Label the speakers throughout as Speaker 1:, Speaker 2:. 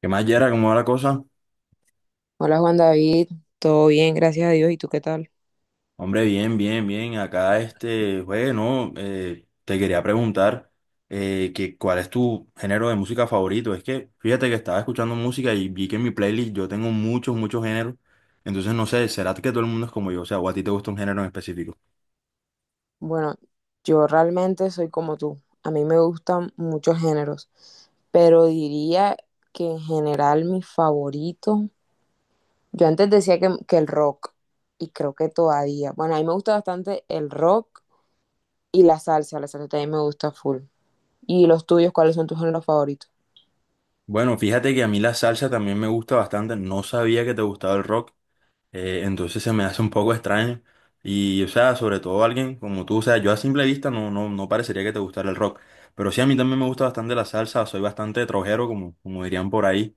Speaker 1: ¿Qué más, Yera? ¿Cómo va la cosa?
Speaker 2: Hola Juan David, todo bien, gracias a Dios. ¿Y tú qué tal?
Speaker 1: Hombre, bien, bien, bien. Acá, bueno, te quería preguntar que cuál es tu género de música favorito. Es que, fíjate que estaba escuchando música y vi que en mi playlist yo tengo muchos géneros. Entonces, no sé, ¿será que todo el mundo es como yo? O sea, ¿o a ti te gusta un género en específico?
Speaker 2: Bueno, yo realmente soy como tú. A mí me gustan muchos géneros, pero diría que en general mi favorito, yo antes decía que el rock y creo que todavía. Bueno, a mí me gusta bastante el rock y la salsa también me gusta full. ¿Y los tuyos, cuáles son tus géneros favoritos?
Speaker 1: Bueno, fíjate que a mí la salsa también me gusta bastante. No sabía que te gustaba el rock. Entonces se me hace un poco extraño. Y, o sea, sobre todo alguien como tú, o sea, yo a simple vista no parecería que te gustara el rock. Pero sí, a mí también me gusta bastante la salsa, soy bastante trojero, como dirían por ahí.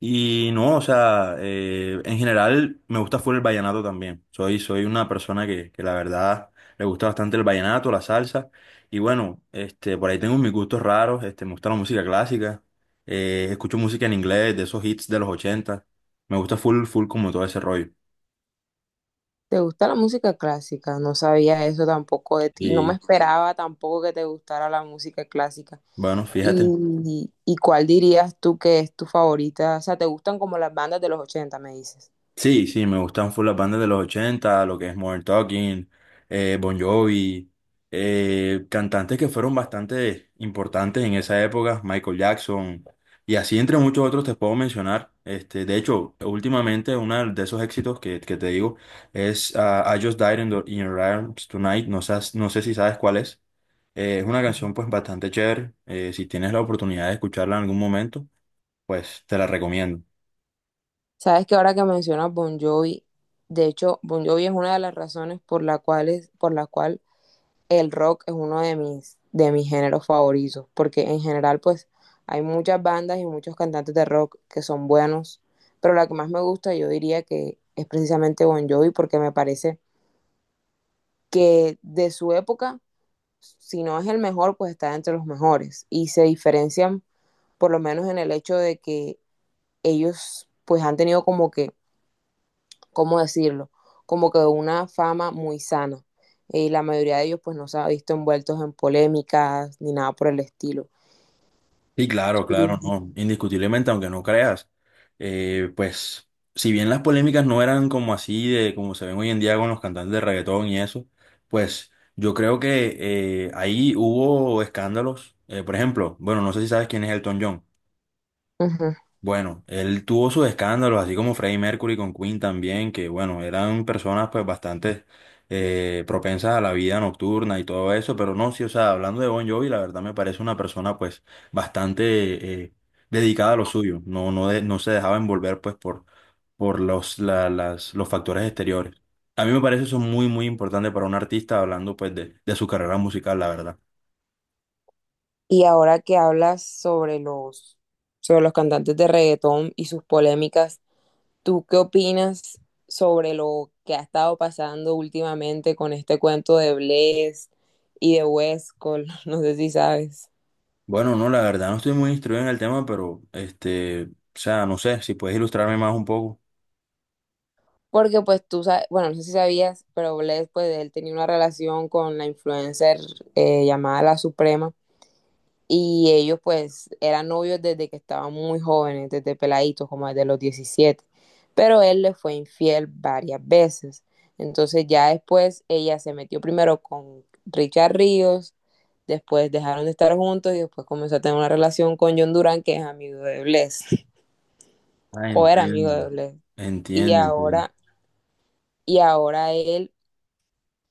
Speaker 1: Y no, o sea, en general me gusta full el vallenato también. Soy una persona que la verdad le gusta bastante el vallenato, la salsa. Y bueno, por ahí tengo mis gustos raros, me gusta la música clásica, escucho música en inglés, de esos hits de los ochenta. Me gusta full como todo ese rollo.
Speaker 2: ¿Te gusta la música clásica? No sabía eso tampoco de ti, no me
Speaker 1: Y
Speaker 2: esperaba tampoco que te gustara la música clásica.
Speaker 1: bueno, fíjate.
Speaker 2: ¿Y cuál dirías tú que es tu favorita? O sea, ¿te gustan como las bandas de los 80, me dices?
Speaker 1: Sí, Me gustan full las bandas de los ochenta, lo que es Modern Talking, Bon Jovi, cantantes que fueron bastante importantes en esa época, Michael Jackson, y así entre muchos otros te puedo mencionar. Este, de hecho, últimamente uno de esos éxitos que te digo es I Just Died in Your Arms Tonight. No, no sé si sabes cuál es. Es una
Speaker 2: Ujú.
Speaker 1: canción pues bastante chévere. Eh, si tienes la oportunidad de escucharla en algún momento, pues te la recomiendo.
Speaker 2: Sabes que ahora que mencionas Bon Jovi, de hecho, Bon Jovi es una de las razones por la cual por la cual el rock es uno de mis géneros favoritos, porque en general, pues, hay muchas bandas y muchos cantantes de rock que son buenos, pero la que más me gusta, yo diría que es precisamente Bon Jovi, porque me parece que de su época, si no es el mejor, pues está entre los mejores. Y se diferencian por lo menos en el hecho de que ellos pues han tenido como que, ¿cómo decirlo? Como que una fama muy sana. La mayoría de ellos pues no se ha visto envueltos en polémicas ni nada por el estilo.
Speaker 1: Sí, claro, claro,
Speaker 2: Uh
Speaker 1: no, indiscutiblemente, aunque no creas, pues si bien las polémicas no eran como así de como se ven hoy en día con los cantantes de reggaetón y eso, pues yo creo que ahí hubo escándalos. Eh, por ejemplo, bueno, no sé si sabes quién es Elton John.
Speaker 2: -huh.
Speaker 1: Bueno, él tuvo sus escándalos, así como Freddie Mercury con Queen también, que bueno, eran personas pues bastante propensas a la vida nocturna y todo eso. Pero no, sí, o sea, hablando de Bon Jovi, la verdad me parece una persona pues bastante dedicada a lo suyo. No se dejaba envolver pues por los factores exteriores. A mí me parece eso muy, muy importante para un artista hablando pues de su carrera musical, la verdad.
Speaker 2: Y ahora que hablas sobre sobre los cantantes de reggaetón y sus polémicas, ¿tú qué opinas sobre lo que ha estado pasando últimamente con este cuento de Blaze y de Westcol? No sé si sabes.
Speaker 1: Bueno, no, la verdad no estoy muy instruido en el tema, pero o sea, no sé si puedes ilustrarme más un poco.
Speaker 2: Porque pues tú sabes, bueno, no sé si sabías, pero Blaze pues él tenía una relación con la influencer llamada La Suprema. Y ellos pues eran novios desde que estaban muy jóvenes, desde peladitos, como desde los 17. Pero él le fue infiel varias veces. Entonces ya después ella se metió primero con Richard Ríos, después dejaron de estar juntos y después comenzó a tener una relación con John Durán, que es amigo de Bless,
Speaker 1: Ah,
Speaker 2: o era amigo de
Speaker 1: entiendo,
Speaker 2: Bless. Y
Speaker 1: entiendo, entiendo.
Speaker 2: ahora, y ahora él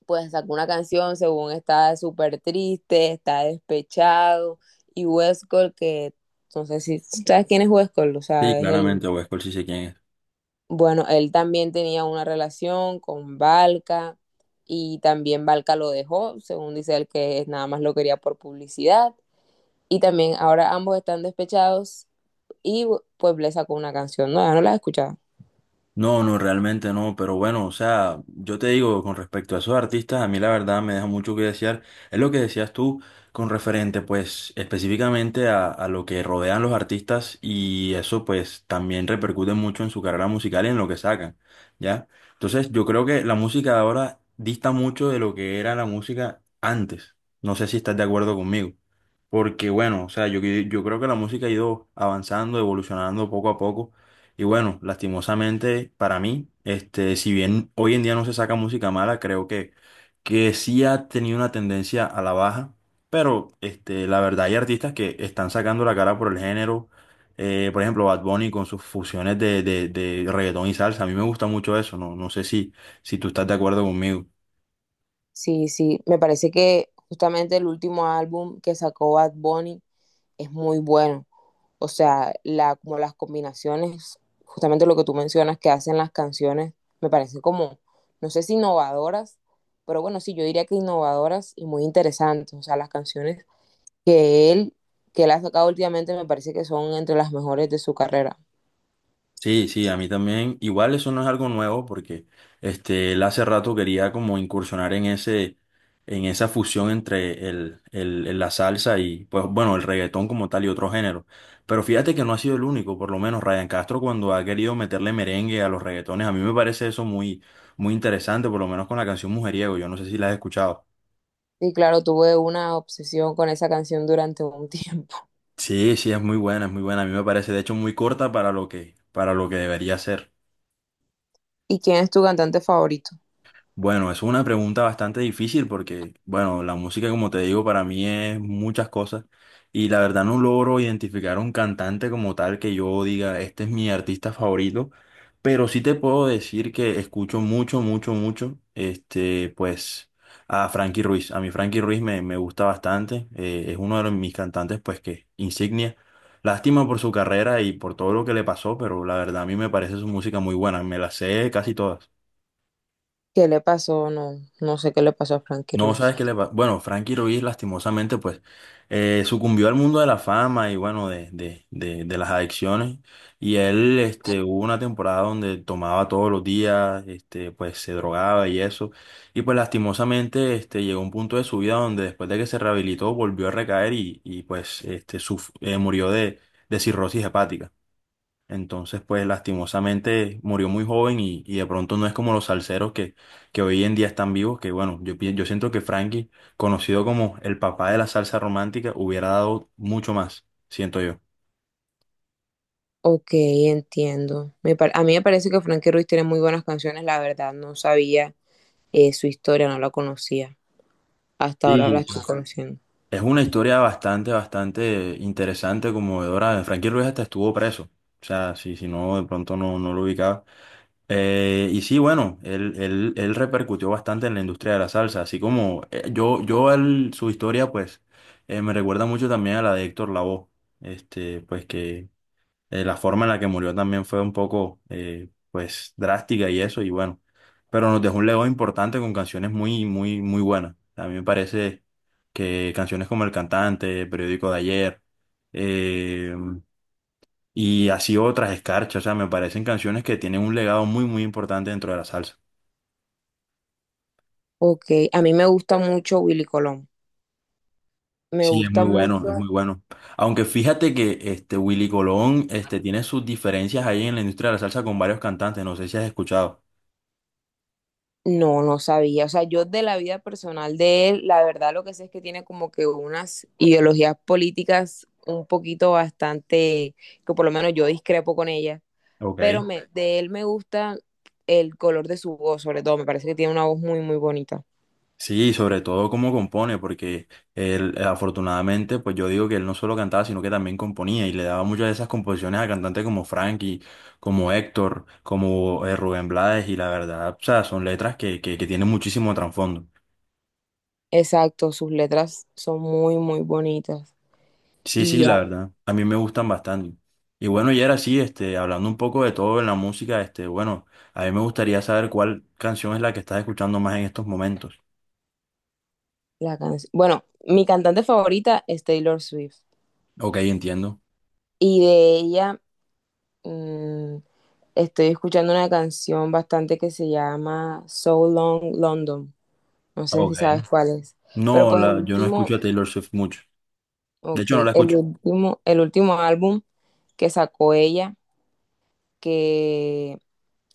Speaker 2: pues sacó una canción, según está súper triste, está despechado, y Westcott, que no sé si sabes quién es Westcott, o
Speaker 1: Sí,
Speaker 2: sea, es el,
Speaker 1: claramente, Westworld sí sé quién es.
Speaker 2: bueno, él también tenía una relación con Valka, y también Valka lo dejó, según dice él que nada más lo quería por publicidad, y también ahora ambos están despechados, y pues le sacó una canción, no, ya no la he escuchado.
Speaker 1: No, no, realmente no, pero bueno, o sea, yo te digo, con respecto a esos artistas, a mí la verdad me deja mucho que desear. Es lo que decías tú con referente, pues, específicamente a lo que rodean los artistas y eso, pues, también repercute mucho en su carrera musical y en lo que sacan, ¿ya? Entonces, yo creo que la música de ahora dista mucho de lo que era la música antes. No sé si estás de acuerdo conmigo. Porque bueno, o sea, yo creo que la música ha ido avanzando, evolucionando poco a poco. Y bueno, lastimosamente para mí, si bien hoy en día no se saca música mala, creo que sí ha tenido una tendencia a la baja, pero la verdad hay artistas que están sacando la cara por el género. Eh, por ejemplo Bad Bunny con sus fusiones de reggaetón y salsa, a mí me gusta mucho eso. No, no sé si tú estás de acuerdo conmigo.
Speaker 2: Sí, sí, me parece que justamente el último álbum que sacó Bad Bunny es muy bueno. O sea, la, como las combinaciones, justamente lo que tú mencionas que hacen las canciones, me parece como, no sé si innovadoras, pero bueno, sí, yo diría que innovadoras y muy interesantes. O sea, las canciones que él ha sacado últimamente me parece que son entre las mejores de su carrera.
Speaker 1: Sí, sí, a mí también. Igual eso no es algo nuevo porque él hace rato quería como incursionar en ese, en esa fusión entre la salsa y, pues bueno, el reggaetón como tal y otro género. Pero fíjate que no ha sido el único. Por lo menos Ryan Castro, cuando ha querido meterle merengue a los reggaetones, a mí me parece eso muy, muy interesante, por lo menos con la canción Mujeriego, yo no sé si la has escuchado.
Speaker 2: Y claro, tuve una obsesión con esa canción durante un tiempo.
Speaker 1: Sí, sí, es muy buena, es muy buena. A mí me parece de hecho muy corta para lo que debería ser.
Speaker 2: ¿Y quién es tu cantante favorito?
Speaker 1: Bueno, es una pregunta bastante difícil porque, bueno, la música, como te digo, para mí es muchas cosas, y la verdad no logro identificar un cantante como tal que yo diga, este es mi artista favorito, pero sí te puedo decir que escucho mucho, pues, a Frankie Ruiz. A mí Frankie Ruiz me gusta bastante. Eh, es uno de mis cantantes, pues, que insignia. Lástima por su carrera y por todo lo que le pasó, pero la verdad a mí me parece su música muy buena, me la sé casi todas.
Speaker 2: ¿Qué le pasó? No, no sé qué le pasó a Frankie
Speaker 1: No
Speaker 2: Ruiz.
Speaker 1: sabes qué le pasa. Bueno, Frankie Ruiz lastimosamente pues sucumbió al mundo de la fama y bueno, de las adicciones. Y él hubo una temporada donde tomaba todos los días. Este, pues se drogaba y eso. Y pues lastimosamente llegó a un punto de su vida donde después de que se rehabilitó volvió a recaer y pues murió de cirrosis hepática. Entonces, pues lastimosamente murió muy joven y de pronto no es como los salseros que hoy en día están vivos, que bueno, yo siento que Frankie, conocido como el papá de la salsa romántica, hubiera dado mucho más, siento yo.
Speaker 2: Ok, entiendo. A mí me parece que Frankie Ruiz tiene muy buenas canciones, la verdad. No sabía su historia, no la conocía. Hasta ahora la
Speaker 1: Sí, sí.
Speaker 2: estoy conociendo.
Speaker 1: Es una historia bastante, bastante interesante, conmovedora. Frankie Ruiz hasta estuvo preso. O sea, si no, de pronto no lo ubicaba. Y sí, bueno, él repercutió bastante en la industria de la salsa, así como su historia, pues, me recuerda mucho también a la de Héctor Lavoe. Este, pues que la forma en la que murió también fue un poco, pues, drástica y eso, y bueno, pero nos dejó un legado importante con canciones muy, muy, muy buenas. A mí me parece que canciones como El Cantante, Periódico de Ayer, eh, y así otras, Escarcha, o sea, me parecen canciones que tienen un legado muy, muy importante dentro de la salsa.
Speaker 2: Ok, a mí me gusta mucho Willy Colón. Me
Speaker 1: Sí, es
Speaker 2: gusta
Speaker 1: muy bueno, es
Speaker 2: mucho.
Speaker 1: muy bueno. Aunque fíjate que este Willy Colón, tiene sus diferencias ahí en la industria de la salsa con varios cantantes, no sé si has escuchado.
Speaker 2: No, no sabía. O sea, yo de la vida personal de él, la verdad lo que sé es que tiene como que unas ideologías políticas un poquito bastante, que por lo menos yo discrepo con ellas.
Speaker 1: Ok.
Speaker 2: De él me gusta el color de su voz, sobre todo. Me parece que tiene una voz muy, muy bonita.
Speaker 1: Sí, sobre todo cómo compone, porque él afortunadamente, pues yo digo que él no solo cantaba, sino que también componía y le daba muchas de esas composiciones a cantantes como Frankie, como Héctor, como Rubén Blades, y la verdad, o sea, son letras que tienen muchísimo trasfondo.
Speaker 2: Exacto, sus letras son muy, muy bonitas.
Speaker 1: Sí, sí,
Speaker 2: Y
Speaker 1: la
Speaker 2: a-
Speaker 1: verdad. A mí me gustan bastante. Y bueno, y era así, hablando un poco de todo en la música, bueno, a mí me gustaría saber cuál canción es la que estás escuchando más en estos momentos.
Speaker 2: la canción. Bueno, mi cantante favorita es Taylor Swift.
Speaker 1: Ok, entiendo.
Speaker 2: Y de ella mm, estoy escuchando una canción bastante que se llama So Long London. No sé si sabes
Speaker 1: Ok.
Speaker 2: cuál es. Pero
Speaker 1: No,
Speaker 2: pues
Speaker 1: la, yo no escucho a Taylor Swift mucho. De
Speaker 2: ok,
Speaker 1: hecho, no la
Speaker 2: el
Speaker 1: escucho.
Speaker 2: último, el último álbum que sacó ella, que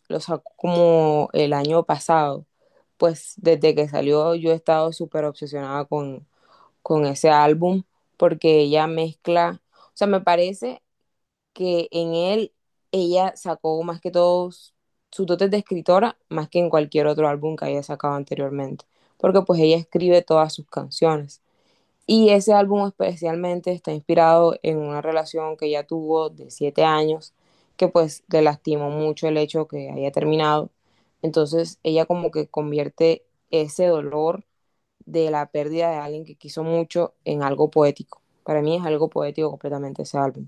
Speaker 2: lo sacó como el año pasado. Pues desde que salió yo he estado súper obsesionada con ese álbum porque ella mezcla, o sea, me parece que en él ella sacó más que todo su dotes de escritora más que en cualquier otro álbum que haya sacado anteriormente, porque pues ella escribe todas sus canciones. Y ese álbum especialmente está inspirado en una relación que ella tuvo de 7 años, que pues le lastimó mucho el hecho que haya terminado. Entonces ella como que convierte ese dolor de la pérdida de alguien que quiso mucho en algo poético. Para mí es algo poético completamente ese álbum.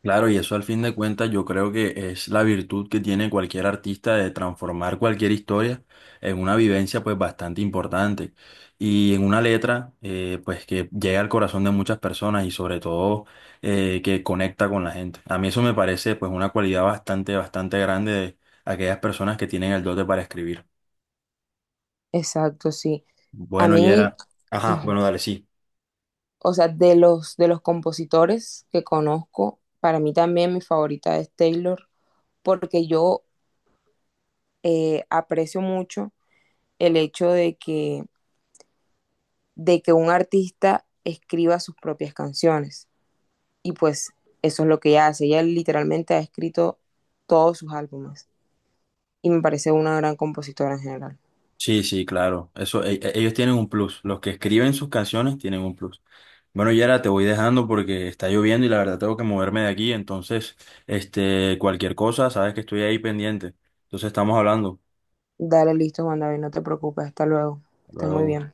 Speaker 1: Claro, y eso al fin de cuentas yo creo que es la virtud que tiene cualquier artista de transformar cualquier historia en una vivencia pues bastante importante y en una letra, pues, que llega al corazón de muchas personas, y sobre todo que conecta con la gente. A mí eso me parece pues una cualidad bastante, bastante grande de aquellas personas que tienen el dote para escribir.
Speaker 2: Exacto, sí. A
Speaker 1: Bueno, y
Speaker 2: mí,
Speaker 1: era...
Speaker 2: uh
Speaker 1: Ajá,
Speaker 2: -huh,
Speaker 1: bueno, dale, sí.
Speaker 2: o sea, de los compositores que conozco, para mí también mi favorita es Taylor, porque yo aprecio mucho el hecho de que un artista escriba sus propias canciones. Y pues eso es lo que ella hace. Ella literalmente ha escrito todos sus álbumes y me parece una gran compositora en general.
Speaker 1: Sí, sí, claro. Eso, ellos tienen un plus. Los que escriben sus canciones tienen un plus. Bueno, Yara, te voy dejando porque está lloviendo y la verdad tengo que moverme de aquí. Entonces, cualquier cosa, sabes que estoy ahí pendiente. Entonces estamos hablando.
Speaker 2: Dale, listo, Juan David, no te preocupes, hasta luego. Estés muy
Speaker 1: Luego.
Speaker 2: bien.